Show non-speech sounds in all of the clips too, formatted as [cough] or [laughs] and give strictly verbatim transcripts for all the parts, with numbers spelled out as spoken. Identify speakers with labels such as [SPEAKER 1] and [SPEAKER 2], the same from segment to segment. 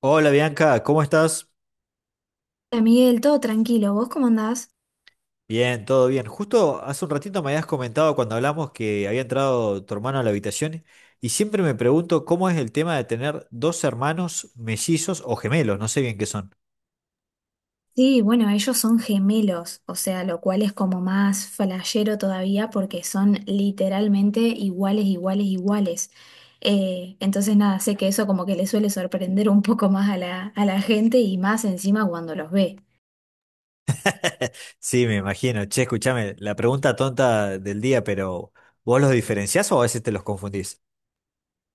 [SPEAKER 1] Hola Bianca, ¿cómo estás?
[SPEAKER 2] Hola Miguel, todo tranquilo, ¿vos cómo andás?
[SPEAKER 1] Bien, todo bien. Justo hace un ratito me habías comentado cuando hablamos que había entrado tu hermano a la habitación y siempre me pregunto cómo es el tema de tener dos hermanos mellizos o gemelos, no sé bien qué son.
[SPEAKER 2] Sí, bueno, ellos son gemelos, o sea, lo cual es como más flashero todavía porque son literalmente iguales, iguales, iguales. Eh, entonces nada, sé que eso como que le suele sorprender un poco más a la, a la gente y más encima cuando los ve.
[SPEAKER 1] [laughs] Sí, me imagino. Che, escúchame, la pregunta tonta del día, pero ¿vos los diferenciás o a veces te los confundís?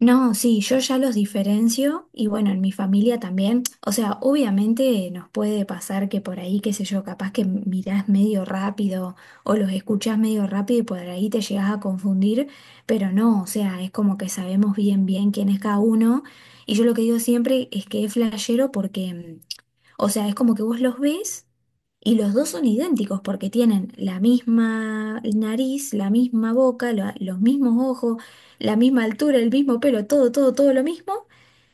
[SPEAKER 2] No, sí, yo ya los diferencio y bueno, en mi familia también. O sea, obviamente nos puede pasar que por ahí, qué sé yo, capaz que mirás medio rápido o los escuchás medio rápido y por ahí te llegás a confundir, pero no, o sea, es como que sabemos bien bien quién es cada uno. Y yo lo que digo siempre es que es flashero porque mm, o sea, es como que vos los ves. Y los dos son idénticos porque tienen la misma nariz, la misma boca, la- los mismos ojos, la misma altura, el mismo pelo, todo, todo, todo lo mismo,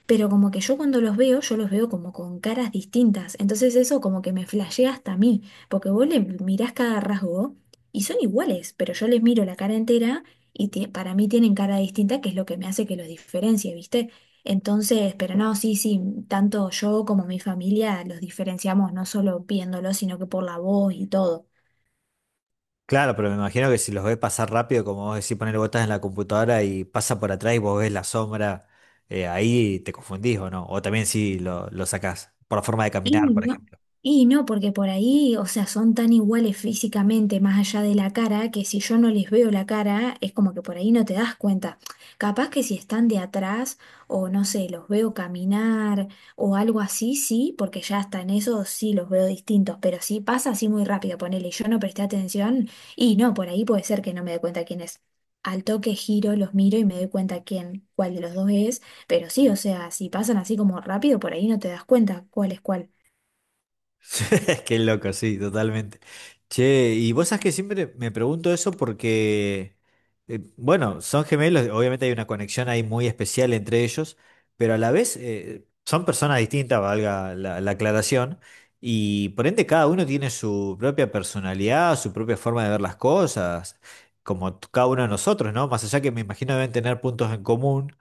[SPEAKER 2] pero como que yo cuando los veo, yo los veo como con caras distintas. Entonces eso como que me flashea hasta a mí, porque vos le mirás cada rasgo y son iguales, pero yo les miro la cara entera y ti- para mí tienen cara distinta, que es lo que me hace que los diferencie, ¿viste? Entonces, pero no, sí, sí, tanto yo como mi familia los diferenciamos no solo viéndolos, sino que por la voz y todo.
[SPEAKER 1] Claro, pero me imagino que si los ves pasar rápido, como vos decís, poner botas en la computadora y pasa por atrás y vos ves la sombra, eh, ahí te confundís o no. O también si lo, lo sacás por la forma de
[SPEAKER 2] Y
[SPEAKER 1] caminar, por
[SPEAKER 2] no,
[SPEAKER 1] ejemplo.
[SPEAKER 2] y no, porque por ahí, o sea, son tan iguales físicamente, más allá de la cara, que si yo no les veo la cara, es como que por ahí no te das cuenta. Capaz que si están de atrás, o no sé, los veo caminar, o algo así, sí, porque ya hasta en eso sí los veo distintos, pero si pasa así muy rápido, ponele, y yo no presté atención, y no, por ahí puede ser que no me dé cuenta quién es. Al toque giro, los miro y me doy cuenta quién, cuál de los dos es, pero sí, o sea, si pasan así como rápido, por ahí no te das cuenta cuál es cuál.
[SPEAKER 1] [laughs] Qué loco, sí, totalmente. Che, y vos sabés que siempre me pregunto eso porque, eh, bueno, son gemelos, obviamente hay una conexión ahí muy especial entre ellos, pero a la vez eh, son personas distintas, valga la, la aclaración, y por ende cada uno tiene su propia personalidad, su propia forma de ver las cosas, como t- cada uno de nosotros, ¿no? Más allá que me imagino deben tener puntos en común.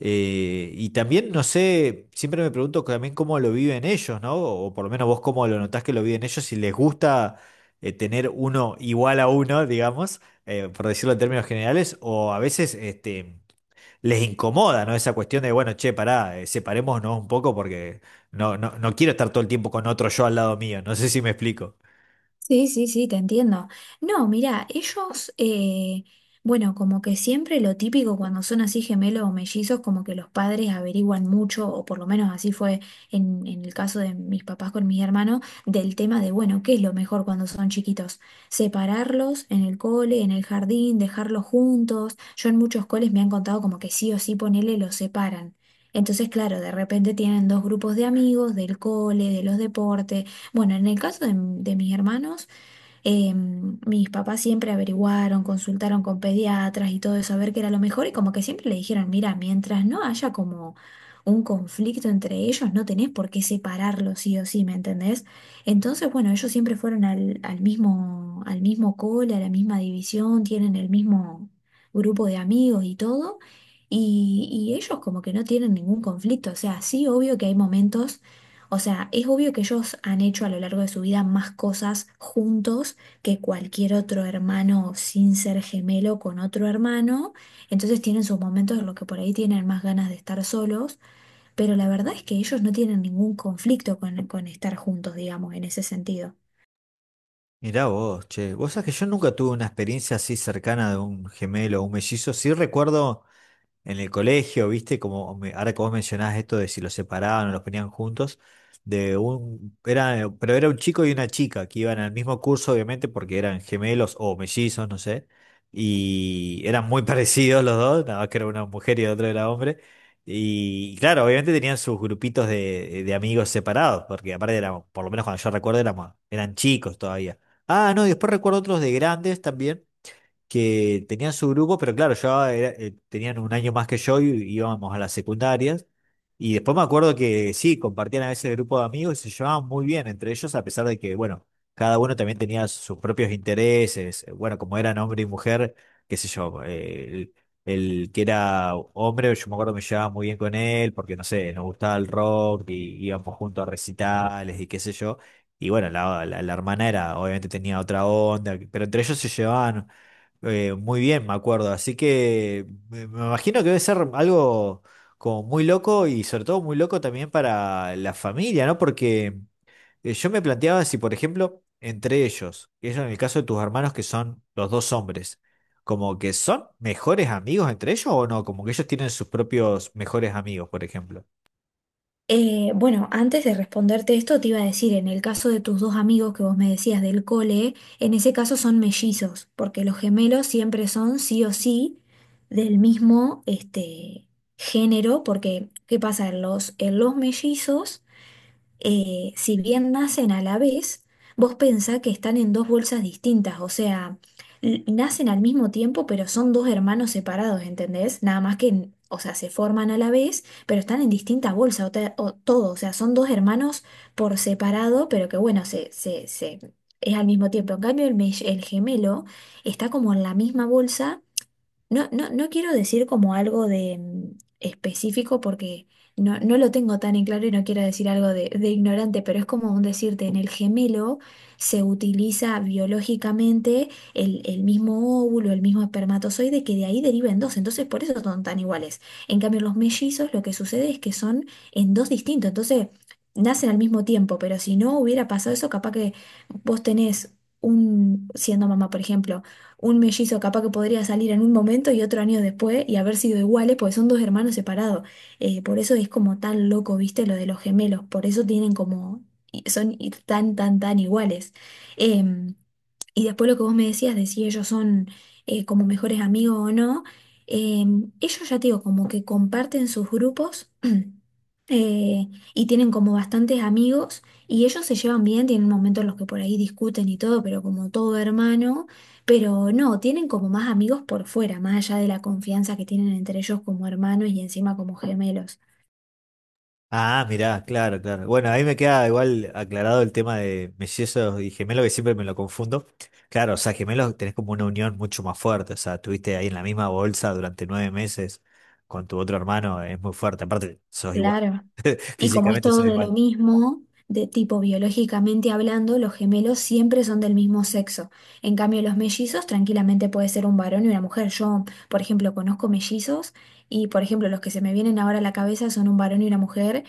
[SPEAKER 1] Eh, y también, no sé, siempre me pregunto también cómo lo viven ellos, ¿no? O por lo menos vos cómo lo notás que lo viven ellos, si les gusta eh, tener uno igual a uno, digamos, eh, por decirlo en términos generales, o a veces este, les incomoda, ¿no? Esa cuestión de, bueno, che, pará, eh, separémonos un poco porque no, no, no quiero estar todo el tiempo con otro yo al lado mío, no sé si me explico.
[SPEAKER 2] Sí, sí, sí, te entiendo. No, mira, ellos, eh, bueno, como que siempre lo típico cuando son así gemelos o mellizos, como que los padres averiguan mucho, o por lo menos así fue en, en el caso de mis papás con mis hermanos, del tema de, bueno, ¿qué es lo mejor cuando son chiquitos? Separarlos en el cole, en el jardín, dejarlos juntos. Yo en muchos coles me han contado como que sí o sí ponele, los separan. Entonces, claro, de repente tienen dos grupos de amigos, del cole, de los deportes. Bueno, en el caso de, de mis hermanos, eh, mis papás siempre averiguaron, consultaron con pediatras y todo eso a ver qué era lo mejor y como que siempre le dijeron, mira, mientras no haya como un conflicto entre ellos, no tenés por qué separarlos sí o sí, ¿me entendés? Entonces, bueno, ellos siempre fueron al, al mismo, al mismo cole, a la misma división, tienen el mismo grupo de amigos y todo. Y, y ellos como que no tienen ningún conflicto, o sea, sí, obvio que hay momentos, o sea, es obvio que ellos han hecho a lo largo de su vida más cosas juntos que cualquier otro hermano sin ser gemelo con otro hermano. Entonces tienen sus momentos en los que por ahí tienen más ganas de estar solos, pero la verdad es que ellos no tienen ningún conflicto con, con estar juntos, digamos, en ese sentido.
[SPEAKER 1] Mirá vos, che, vos sabés que yo nunca tuve una experiencia así cercana de un gemelo o un mellizo. Sí recuerdo en el colegio, ¿viste? Como me- ahora que vos mencionás esto de si los separaban o los ponían juntos, de un, era, pero era un chico y una chica que iban al mismo curso, obviamente, porque eran gemelos o mellizos, no sé, y eran muy [laughs] parecidos los dos, nada más que era una mujer y el otro era hombre. Y claro, obviamente tenían sus grupitos de, de amigos separados, porque aparte éramos, por lo menos cuando yo recuerdo, éramos, eran chicos todavía. Ah, no, y después recuerdo otros de grandes también que tenían su grupo, pero claro, yo era- eh, tenían un año más que yo y íbamos a las secundarias. Y después me acuerdo que sí, compartían a veces el grupo de amigos y se llevaban muy bien entre ellos, a pesar de que, bueno, cada uno también tenía sus propios intereses. Bueno, como eran hombre y mujer, qué sé yo, eh, el, el que era hombre, yo me acuerdo que me llevaba muy bien con él, porque no sé, nos gustaba el rock y íbamos juntos a recitales y qué sé yo. Y bueno, la, la, la hermana era, obviamente tenía otra onda, pero entre ellos se llevaban eh, muy bien, me acuerdo. Así que me me imagino que debe ser algo como muy loco y sobre todo muy loco también para la familia, ¿no? Porque eh, yo me planteaba si, por ejemplo, entre ellos, ellos en el caso de tus hermanos que son los dos hombres, como que son mejores amigos entre ellos o no, como que ellos tienen sus propios mejores amigos, por ejemplo.
[SPEAKER 2] Eh, bueno, antes de responderte esto, te iba a decir, en el caso de tus dos amigos que vos me decías del cole, en ese caso son mellizos, porque los gemelos siempre son sí o sí del mismo este, género, porque ¿qué pasa? En los, en los mellizos, eh, si bien nacen a la vez, vos pensá que están en dos bolsas distintas, o sea, l- nacen al mismo tiempo, pero son dos hermanos separados, ¿entendés? Nada más que, en- o sea, se forman a la vez, pero están en distinta bolsa, o, te- o todo, o sea, son dos hermanos por separado, pero que bueno, se, se, se, es al mismo tiempo. En cambio, el, me- el gemelo está como en la misma bolsa. No, no, no quiero decir como algo de mm, específico porque no, no lo tengo tan en claro y no quiero decir algo de, de ignorante, pero es como un decirte, en el gemelo se utiliza biológicamente el, el mismo óvulo, el mismo espermatozoide, que de ahí deriven dos, entonces por eso son tan iguales. En cambio, los mellizos lo que sucede es que son en dos distintos, entonces nacen al mismo tiempo, pero si no hubiera pasado eso, capaz que vos tenés un, siendo mamá, por ejemplo, un mellizo capaz que podría salir en un momento y otro año después y haber sido iguales, porque son dos hermanos separados. Eh, por eso es como tan loco, ¿viste? Lo de los gemelos, por eso tienen como, y son y tan, tan, tan iguales. Em, y después lo que vos me decías de si ellos son eh, como mejores amigos o no, em, ellos ya te digo, como que comparten sus grupos. [clears throat] eh, y tienen como bastantes amigos y ellos se llevan bien, tienen momentos en los que por ahí discuten y todo, pero como todo hermano, pero no, tienen como más amigos por fuera, más allá de la confianza que tienen entre ellos como hermanos y encima como gemelos.
[SPEAKER 1] Ah, mirá, claro, claro. Bueno, ahí me queda igual aclarado el tema de mellizos y gemelos, que siempre me lo confundo. Claro, o sea, gemelos tenés como una unión mucho más fuerte, o sea, tuviste ahí en la misma bolsa durante nueve meses con tu otro hermano, es muy fuerte, aparte sos igual,
[SPEAKER 2] Claro.
[SPEAKER 1] [laughs]
[SPEAKER 2] Y como es
[SPEAKER 1] físicamente
[SPEAKER 2] todo
[SPEAKER 1] sos
[SPEAKER 2] de lo
[SPEAKER 1] igual.
[SPEAKER 2] mismo, de tipo biológicamente hablando, los gemelos siempre son del mismo sexo. En cambio, los mellizos tranquilamente puede ser un varón y una mujer. Yo, por ejemplo, conozco mellizos y, por ejemplo, los que se me vienen ahora a la cabeza son un varón y una mujer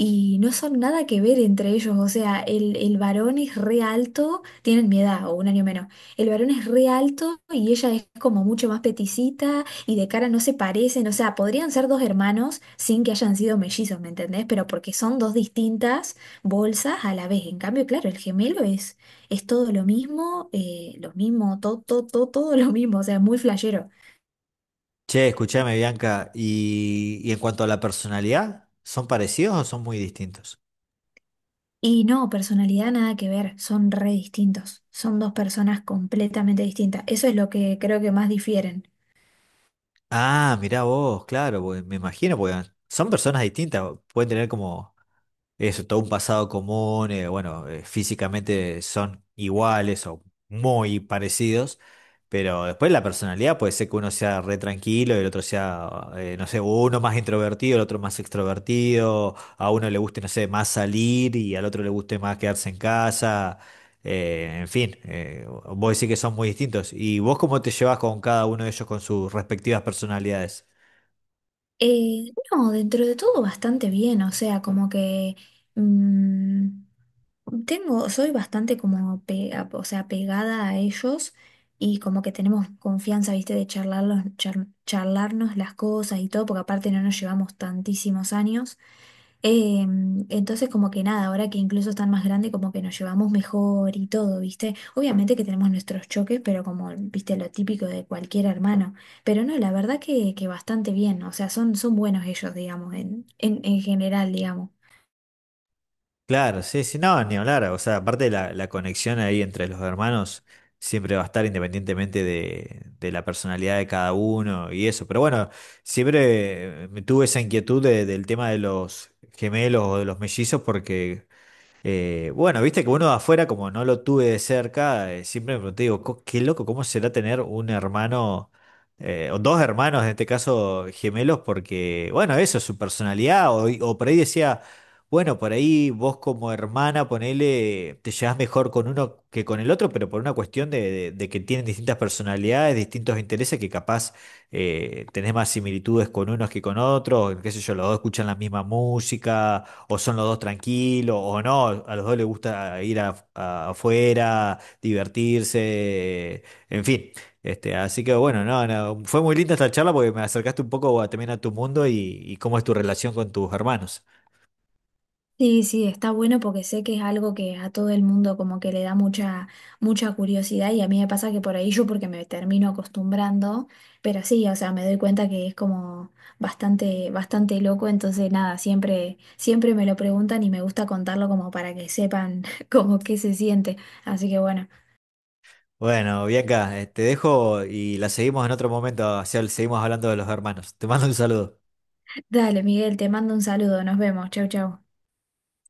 [SPEAKER 2] y no son nada que ver entre ellos. O sea, el, el varón es re alto, tienen mi edad o un año menos. El varón es re alto y ella es como mucho más peticita y de cara no se parecen, o sea, podrían ser dos hermanos sin que hayan sido mellizos, ¿me entendés? Pero porque son dos distintas bolsas a la vez. En cambio, claro, el gemelo es, es todo lo mismo, eh, lo mismo, todo, todo, todo, todo lo mismo, o sea, muy flashero.
[SPEAKER 1] Che, escuchame, Bianca, y, y en cuanto a la personalidad, ¿son parecidos o son muy distintos?
[SPEAKER 2] Y no, personalidad nada que ver, son re distintos, son dos personas completamente distintas. Eso es lo que creo que más difieren.
[SPEAKER 1] Ah, mirá vos, claro, porque me imagino, porque son personas distintas, pueden tener como eso, todo un pasado común, eh, bueno, eh, físicamente son iguales o muy parecidos, pero después la personalidad puede ser que uno sea re tranquilo y el otro sea, eh, no sé, uno más introvertido, el otro más extrovertido, a uno le guste, no sé, más salir y al otro le guste más quedarse en casa. Eh, en fin, eh, vos decís que son muy distintos. ¿Y vos cómo te llevas con cada uno de ellos con sus respectivas personalidades?
[SPEAKER 2] Eh, no, dentro de todo bastante bien, o sea, como que mm, tengo, soy bastante como pega, o sea, pegada a ellos y como que tenemos confianza, viste, de charlarlos, char- charlarnos las cosas y todo, porque aparte no nos llevamos tantísimos años. Eh, entonces como que nada, ahora que incluso están más grandes, como que nos llevamos mejor y todo, ¿viste? Obviamente que tenemos nuestros choques, pero como, viste, lo típico de cualquier hermano. Pero no, la verdad que, que bastante bien, o sea, son, son buenos ellos, digamos, en, en, en general, digamos.
[SPEAKER 1] Claro, sí, sí, no, ni hablar. O sea, aparte la, la conexión ahí entre los hermanos siempre va a estar independientemente de, de la personalidad de cada uno y eso. Pero bueno, siempre eh, me tuve esa inquietud de- del tema de los gemelos o de los mellizos porque Eh, bueno, viste que uno de afuera, como no lo tuve de cerca, eh, siempre me pregunté, digo, co- qué loco, ¿cómo será tener un hermano, eh, o dos hermanos, en este caso gemelos? Porque, bueno, eso, su personalidad, o, o por ahí decía, bueno, por ahí vos como hermana, ponele, te llevas mejor con uno que con el otro, pero por una cuestión de, de- de que tienen distintas personalidades, distintos intereses, que capaz eh, tenés más similitudes con unos que con otros, qué sé yo, los dos escuchan la misma música o son los dos tranquilos, o no, a los dos les gusta ir a- a- afuera, divertirse, en fin. Este, así que bueno, no, no, fue muy linda esta charla porque me acercaste un poco a- también a tu mundo y, y cómo es tu relación con tus hermanos.
[SPEAKER 2] Sí, sí, está bueno porque sé que es algo que a todo el mundo como que le da mucha, mucha curiosidad y a mí me pasa que por ahí yo porque me termino acostumbrando, pero sí, o sea, me doy cuenta que es como bastante, bastante loco, entonces nada, siempre, siempre me lo preguntan y me gusta contarlo como para que sepan [laughs] como qué se siente. Así que bueno,
[SPEAKER 1] Bueno, Bianca, eh, te dejo y la seguimos en otro momento, o sea, seguimos hablando de los hermanos. Te mando un saludo.
[SPEAKER 2] dale, Miguel, te mando un saludo, nos vemos, chau, chau.